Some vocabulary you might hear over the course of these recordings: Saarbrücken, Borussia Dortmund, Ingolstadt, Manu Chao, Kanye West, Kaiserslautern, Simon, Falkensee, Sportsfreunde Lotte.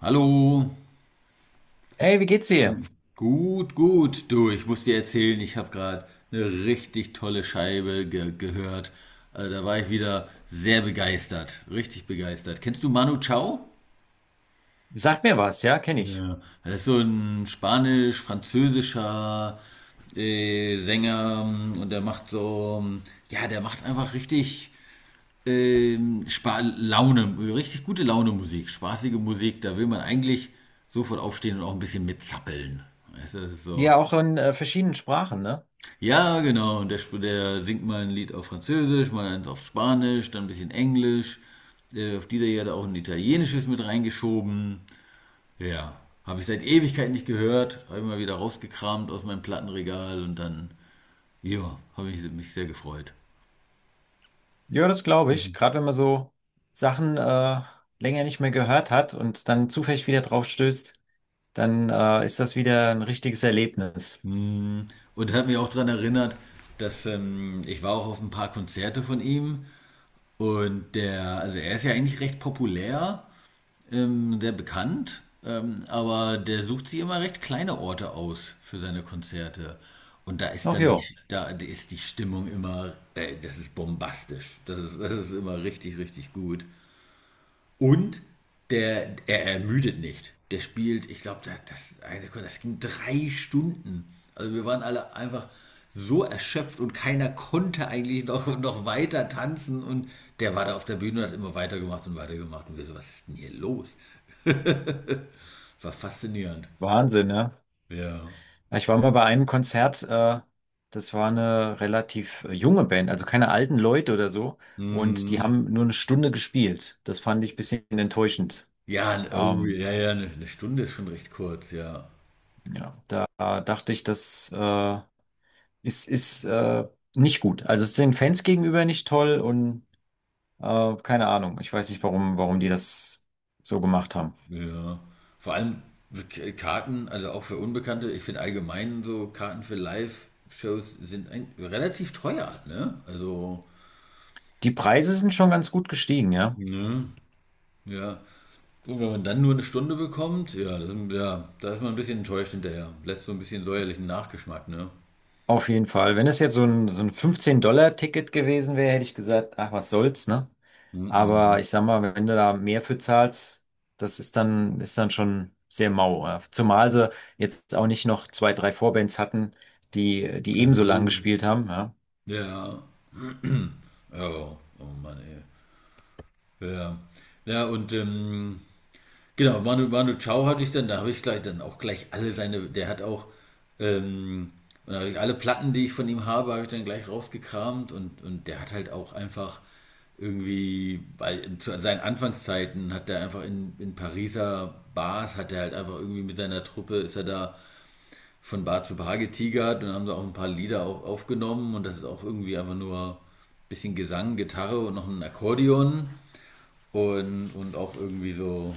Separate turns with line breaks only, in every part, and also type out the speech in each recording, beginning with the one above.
Hallo.
Ey, wie geht's dir?
Nein. Gut, gut. Du, ich muss dir erzählen, ich habe gerade eine richtig tolle Scheibe ge gehört. Also da war ich wieder sehr begeistert, richtig begeistert. Kennst du Manu Chao?
Sag mir was, ja, kenne ich.
Ja. Er ist so ein spanisch-französischer Sänger und der macht so, ja, der macht einfach richtig Spa Laune, richtig gute Laune Musik, spaßige Musik. Da will man eigentlich sofort aufstehen und auch ein bisschen mitzappeln. Weißt du, das ist so.
Ja, auch in verschiedenen Sprachen, ne?
Ja, genau. Und der singt mal ein Lied auf Französisch, mal eins auf Spanisch, dann ein bisschen Englisch. Auf dieser Erde auch ein italienisches mit reingeschoben. Ja, habe ich seit Ewigkeit nicht gehört. Habe ich mal wieder rausgekramt aus meinem Plattenregal und dann, ja, habe ich mich sehr gefreut.
Ja, das glaube ich. Gerade wenn man so Sachen länger nicht mehr gehört hat und dann zufällig wieder drauf stößt, dann ist das wieder ein richtiges Erlebnis.
Mm. Und hat mich auch daran erinnert, dass ich war auch auf ein paar Konzerte von ihm und der, also er ist ja eigentlich recht populär, sehr bekannt, aber der sucht sich immer recht kleine Orte aus für seine Konzerte. Und da ist
Ach
dann
jo,
da ist die Stimmung immer, das ist bombastisch. Das ist immer richtig, richtig gut. Und der, er ermüdet nicht. Der spielt, ich glaube, ging drei Stunden. Also wir waren alle einfach so erschöpft und keiner konnte eigentlich noch, noch weiter tanzen. Und der war da auf der Bühne und hat immer weitergemacht und weitergemacht. Und wir so, was ist denn hier los? War faszinierend.
Wahnsinn, ne?
Ja.
Ja, ich war mal bei einem Konzert, das war eine relativ junge Band, also keine alten Leute oder so. Und die
Mhm.
haben nur eine Stunde gespielt. Das fand ich ein bisschen enttäuschend.
Ja, oh,
Ähm,
ja, ja, eine Stunde ist schon recht kurz, ja.
ja, da dachte ich, dass ist, ist nicht gut. Also es ist den Fans gegenüber nicht toll und keine Ahnung. Ich weiß nicht, warum die das so gemacht haben.
Ja. Vor allem Karten, also auch für Unbekannte, ich finde allgemein so Karten für Live-Shows sind relativ teuer, ne? Also,
Die Preise sind schon ganz gut gestiegen, ja.
ne? Ja. Und wenn man dann nur eine Stunde bekommt, ja, ja, da ist man ein bisschen enttäuscht hinterher. Lässt so ein bisschen säuerlichen Nachgeschmack, ne?
Auf jeden Fall. Wenn es jetzt so ein 15-Dollar-Ticket gewesen wäre, hätte ich gesagt, ach, was soll's, ne?
Hm. Ja.
Aber
Ne?
ich sag mal, wenn du da mehr für zahlst, das ist dann schon sehr mau. Ja. Zumal sie jetzt auch nicht noch zwei, drei Vorbands hatten, die
Ach
ebenso
so.
lang gespielt haben, ja.
Ja. Oh, oh Mann, ey. Ja. Ja, und genau, Manu Chao hatte ich dann, da habe ich gleich dann auch gleich alle seine, der hat auch, ähm, und da habe ich alle Platten, die ich von ihm habe, habe ich dann gleich rausgekramt und der hat halt auch einfach irgendwie, weil zu seinen Anfangszeiten hat er einfach in Pariser Bars, hat er halt einfach irgendwie mit seiner Truppe, ist er da von Bar zu Bar getigert und haben da auch ein paar Lieder auch aufgenommen und das ist auch irgendwie einfach nur ein bisschen Gesang, Gitarre und noch ein Akkordeon und auch irgendwie so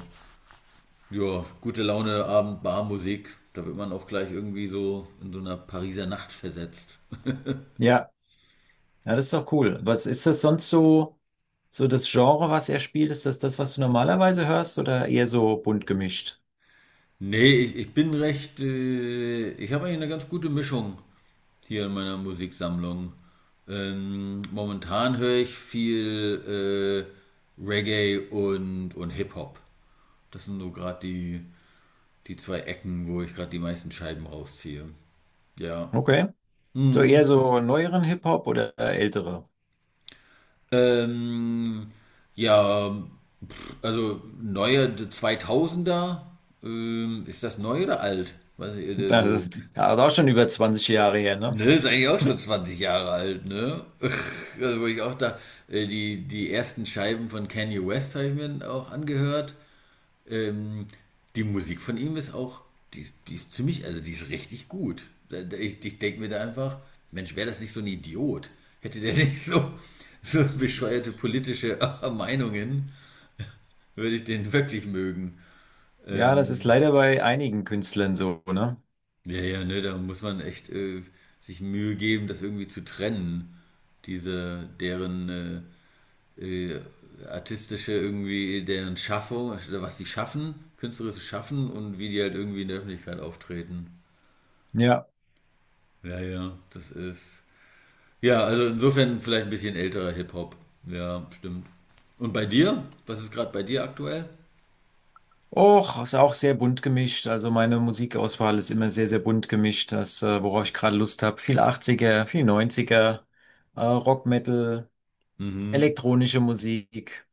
ja, gute Laune, Abend, Barmusik. Da wird man auch gleich irgendwie so in so einer Pariser Nacht versetzt.
Ja, ja, das ist doch cool. Was ist das sonst so, so das Genre, was er spielt? Ist das das, was du normalerweise hörst oder eher so bunt gemischt?
Nee, ich bin recht. Ich habe eigentlich eine ganz gute Mischung hier in meiner Musiksammlung. Momentan höre ich viel Reggae und Hip-Hop. Das sind so gerade die, die zwei Ecken, wo ich gerade die meisten Scheiben rausziehe. Ja.
Okay. So eher
Mhm.
so neueren Hip-Hop oder ältere?
Ähm, ja, Also neue 2000er, ist das neu oder alt? Weiß ich, der
Das
so,
ist ja auch schon über zwanzig Jahre her, ne?
ne, ist eigentlich auch schon 20 Jahre alt, ne? Also wo ich auch da, die ersten Scheiben von Kanye West habe ich mir auch angehört. Ähm, Die Musik von ihm ist auch, die ist ziemlich, also die ist richtig gut. Ich denke mir da einfach, Mensch, wäre das nicht so ein Idiot? Hätte der nicht so, so bescheuerte
Das,
politische Meinungen, würde ich den wirklich mögen.
ja, das ist
Ähm,
leider bei einigen Künstlern so, ne?
Ja, ja, ne, da muss man echt sich Mühe geben, das irgendwie zu trennen. Diese, deren äh, äh, artistische irgendwie, deren Schaffung, was die schaffen, künstlerisches Schaffen und wie die halt irgendwie in der Öffentlichkeit auftreten.
Ja.
Ja, ja, das ist. Ja, also insofern vielleicht ein bisschen älterer Hip-Hop. Ja, stimmt. Und bei dir? Was ist gerade bei dir aktuell?
Och, ist auch sehr bunt gemischt. Also meine Musikauswahl ist immer sehr, sehr bunt gemischt. Das, worauf ich gerade Lust habe. Viel achtziger, viel neunziger, Rock, Metal,
Mhm.
elektronische Musik.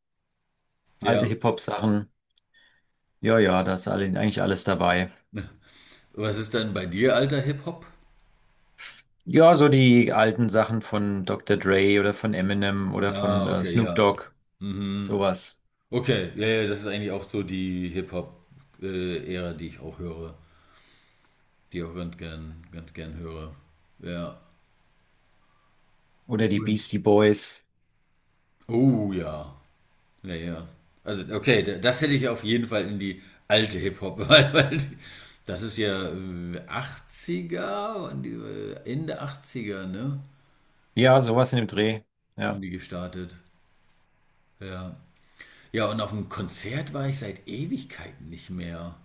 Alte
Ja.
Hip-Hop-Sachen. Ja, ja, da ist alle, eigentlich alles dabei.
Was ist denn bei dir alter Hip-Hop?
Ja, so die alten Sachen von Dr. Dre oder von Eminem oder
Ah,
von
okay,
Snoop
ja.
Dogg,
Mhm.
sowas.
Okay, ja, ja, das ist eigentlich auch so die Hip-Hop-Ära, die ich auch höre, die ich auch ganz gern höre. Ja.
Oder die
Cool.
Beastie Boys.
Oh ja. Ja, ja. Also, okay, das hätte ich auf jeden Fall in die alte Hip-Hop, weil, weil die, das ist ja 80er, waren die, Ende 80er, ne?
Ja, sowas in dem Dreh.
Haben
Ja,
die gestartet. Ja. Ja, und auf dem Konzert war ich seit Ewigkeiten nicht mehr.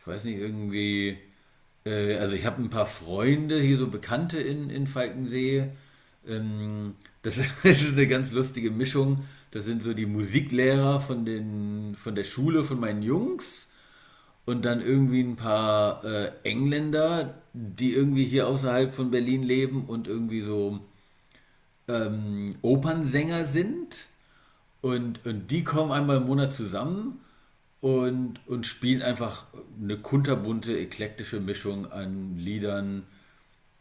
Ich weiß nicht, irgendwie. Also ich habe ein paar Freunde, hier so Bekannte in Falkensee. Das ist, das ist eine ganz lustige Mischung. Das sind so die Musiklehrer von der Schule von meinen Jungs und dann irgendwie ein paar Engländer, die irgendwie hier außerhalb von Berlin leben und irgendwie so Opernsänger sind. Und die kommen einmal im Monat zusammen und spielen einfach eine kunterbunte, eklektische Mischung an Liedern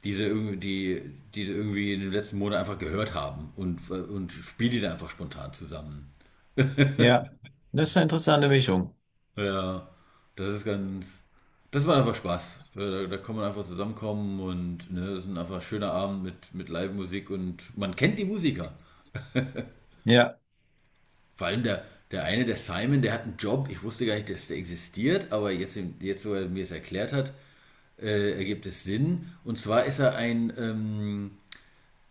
diese irgendwie in den letzten Monaten einfach gehört haben und spiele die dann einfach spontan zusammen.
ja. Das ist eine interessante Mischung.
Ja, das ist ganz. Das macht einfach Spaß. Ja, da, da kann man einfach zusammenkommen und ne, das ist ein einfach schöner Abend mit Live-Musik und man kennt die Musiker.
Ja.
Vor allem der eine, der Simon, der hat einen Job. Ich wusste gar nicht, dass der existiert, aber jetzt wo er mir es erklärt hat, ergibt es Sinn. Und zwar ist er ein, ähm,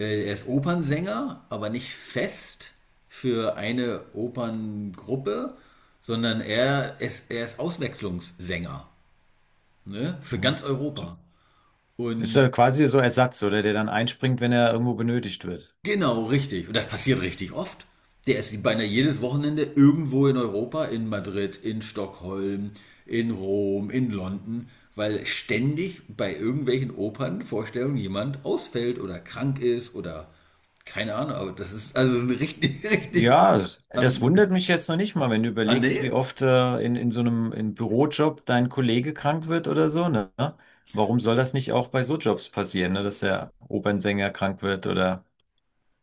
Äh, er ist Opernsänger, aber nicht fest für eine Operngruppe, sondern er ist Auswechslungssänger, ne? Für
Mhm.
ganz
So,
Europa.
ist
Und
ja quasi so Ersatz, oder der dann einspringt, wenn er irgendwo benötigt wird.
genau, richtig. Und das passiert richtig oft. Der ist beinahe jedes Wochenende irgendwo in Europa, in Madrid, in Stockholm, in Rom, in London, weil ständig bei irgendwelchen Opernvorstellungen jemand ausfällt oder krank ist oder keine Ahnung, aber das ist also ein richtig, richtig
Ja, das
an,
wundert mich jetzt noch nicht mal, wenn du
an
überlegst, wie
der.
oft in so einem in Bürojob dein Kollege krank wird oder so, ne? Warum soll das nicht auch bei so Jobs passieren, ne? Dass der Opernsänger krank wird oder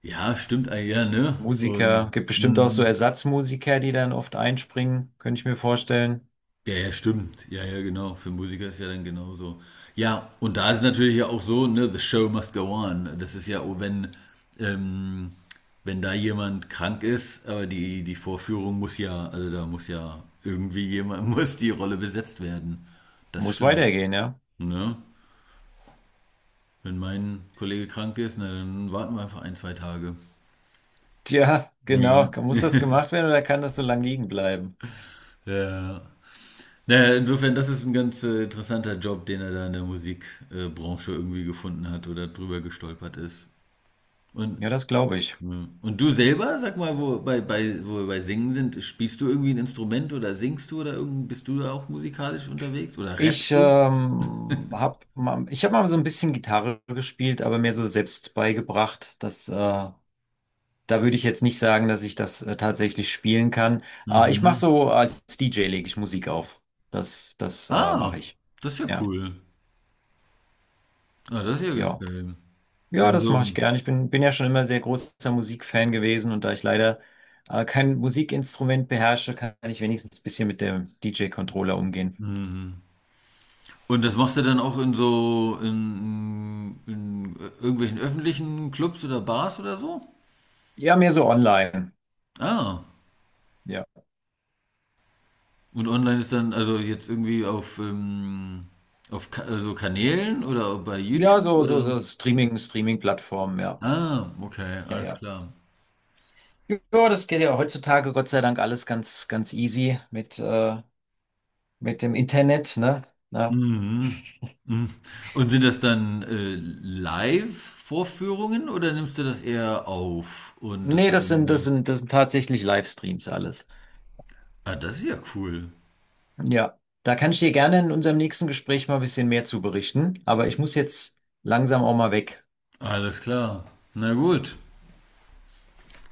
Ja, stimmt eigentlich, ja, ne?
Musiker?
Und
Gibt bestimmt auch so
mm.
Ersatzmusiker, die dann oft einspringen, könnte ich mir vorstellen.
Ja, ja, stimmt. Ja, ja, genau. Für Musiker ist ja dann genauso. Ja, und da ist natürlich ja auch so, ne, the show must go on. Das ist ja, oh, wenn, ähm, wenn da jemand krank ist, aber die Vorführung muss ja, also da muss ja irgendwie jemand, muss die Rolle besetzt werden. Das
Muss
stimmt.
weitergehen, ja?
Ne? Wenn mein Kollege krank ist, na, dann warten wir einfach ein, zwei Tage.
Tja,
Ja.
genau. Muss das gemacht werden oder kann das so lang liegen bleiben?
Ja. Naja, insofern, das ist ein ganz interessanter Job, den er da in der Musikbranche irgendwie gefunden hat oder drüber gestolpert ist. Und,
Ja, das glaube ich.
mh, und du selber, sag mal, wo wir bei Singen sind, spielst du irgendwie ein Instrument oder singst du oder irgend, bist du da auch musikalisch unterwegs oder rappst du?
Ich hab mal so ein bisschen Gitarre gespielt, aber mir so selbst beigebracht. Das, da würde ich jetzt nicht sagen, dass ich das tatsächlich spielen kann. Ich mache
Mhm.
so als DJ lege ich Musik auf. Das, das mache
Ah,
ich.
das ist ja
Ja,
cool. Ah, das ist ja ganz
ja,
geil.
ja,
In
das mache ich
so,
gern. Ich bin ja schon immer sehr großer Musikfan gewesen und da ich leider kein Musikinstrument beherrsche, kann ich wenigstens ein bisschen mit dem DJ-Controller umgehen.
mhm. Und das machst du dann auch in so in irgendwelchen öffentlichen Clubs oder Bars oder so?
Ja, mehr so online.
Ah.
Ja.
Und online ist dann, also jetzt irgendwie auf Ka also Kanälen oder bei
Ja,
YouTube oder?
so Streaming, Streaming-Plattformen, ja.
Ah, okay,
Ja,
alles
ja.
klar.
Ja, das geht ja heutzutage Gott sei Dank alles ganz, ganz easy mit dem Internet, ne? Ja.
Mhm. Mhm. Und sind das dann Live-Vorführungen oder nimmst du das eher auf? Und das
Nee,
wird dann irgendwie.
das sind tatsächlich Livestreams alles.
Ah, das ist ja cool.
Ja. Da kann ich dir gerne in unserem nächsten Gespräch mal ein bisschen mehr zu berichten, aber ich muss jetzt langsam auch mal weg.
Alles klar. Na gut.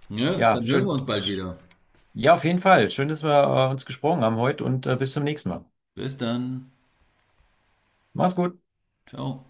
Ja,
Ja,
dann hören wir uns bald wieder.
Ja, auf jeden Fall. Schön, dass wir, uns gesprochen haben heute und, bis zum nächsten Mal.
Bis dann.
Mach's gut.
Ciao.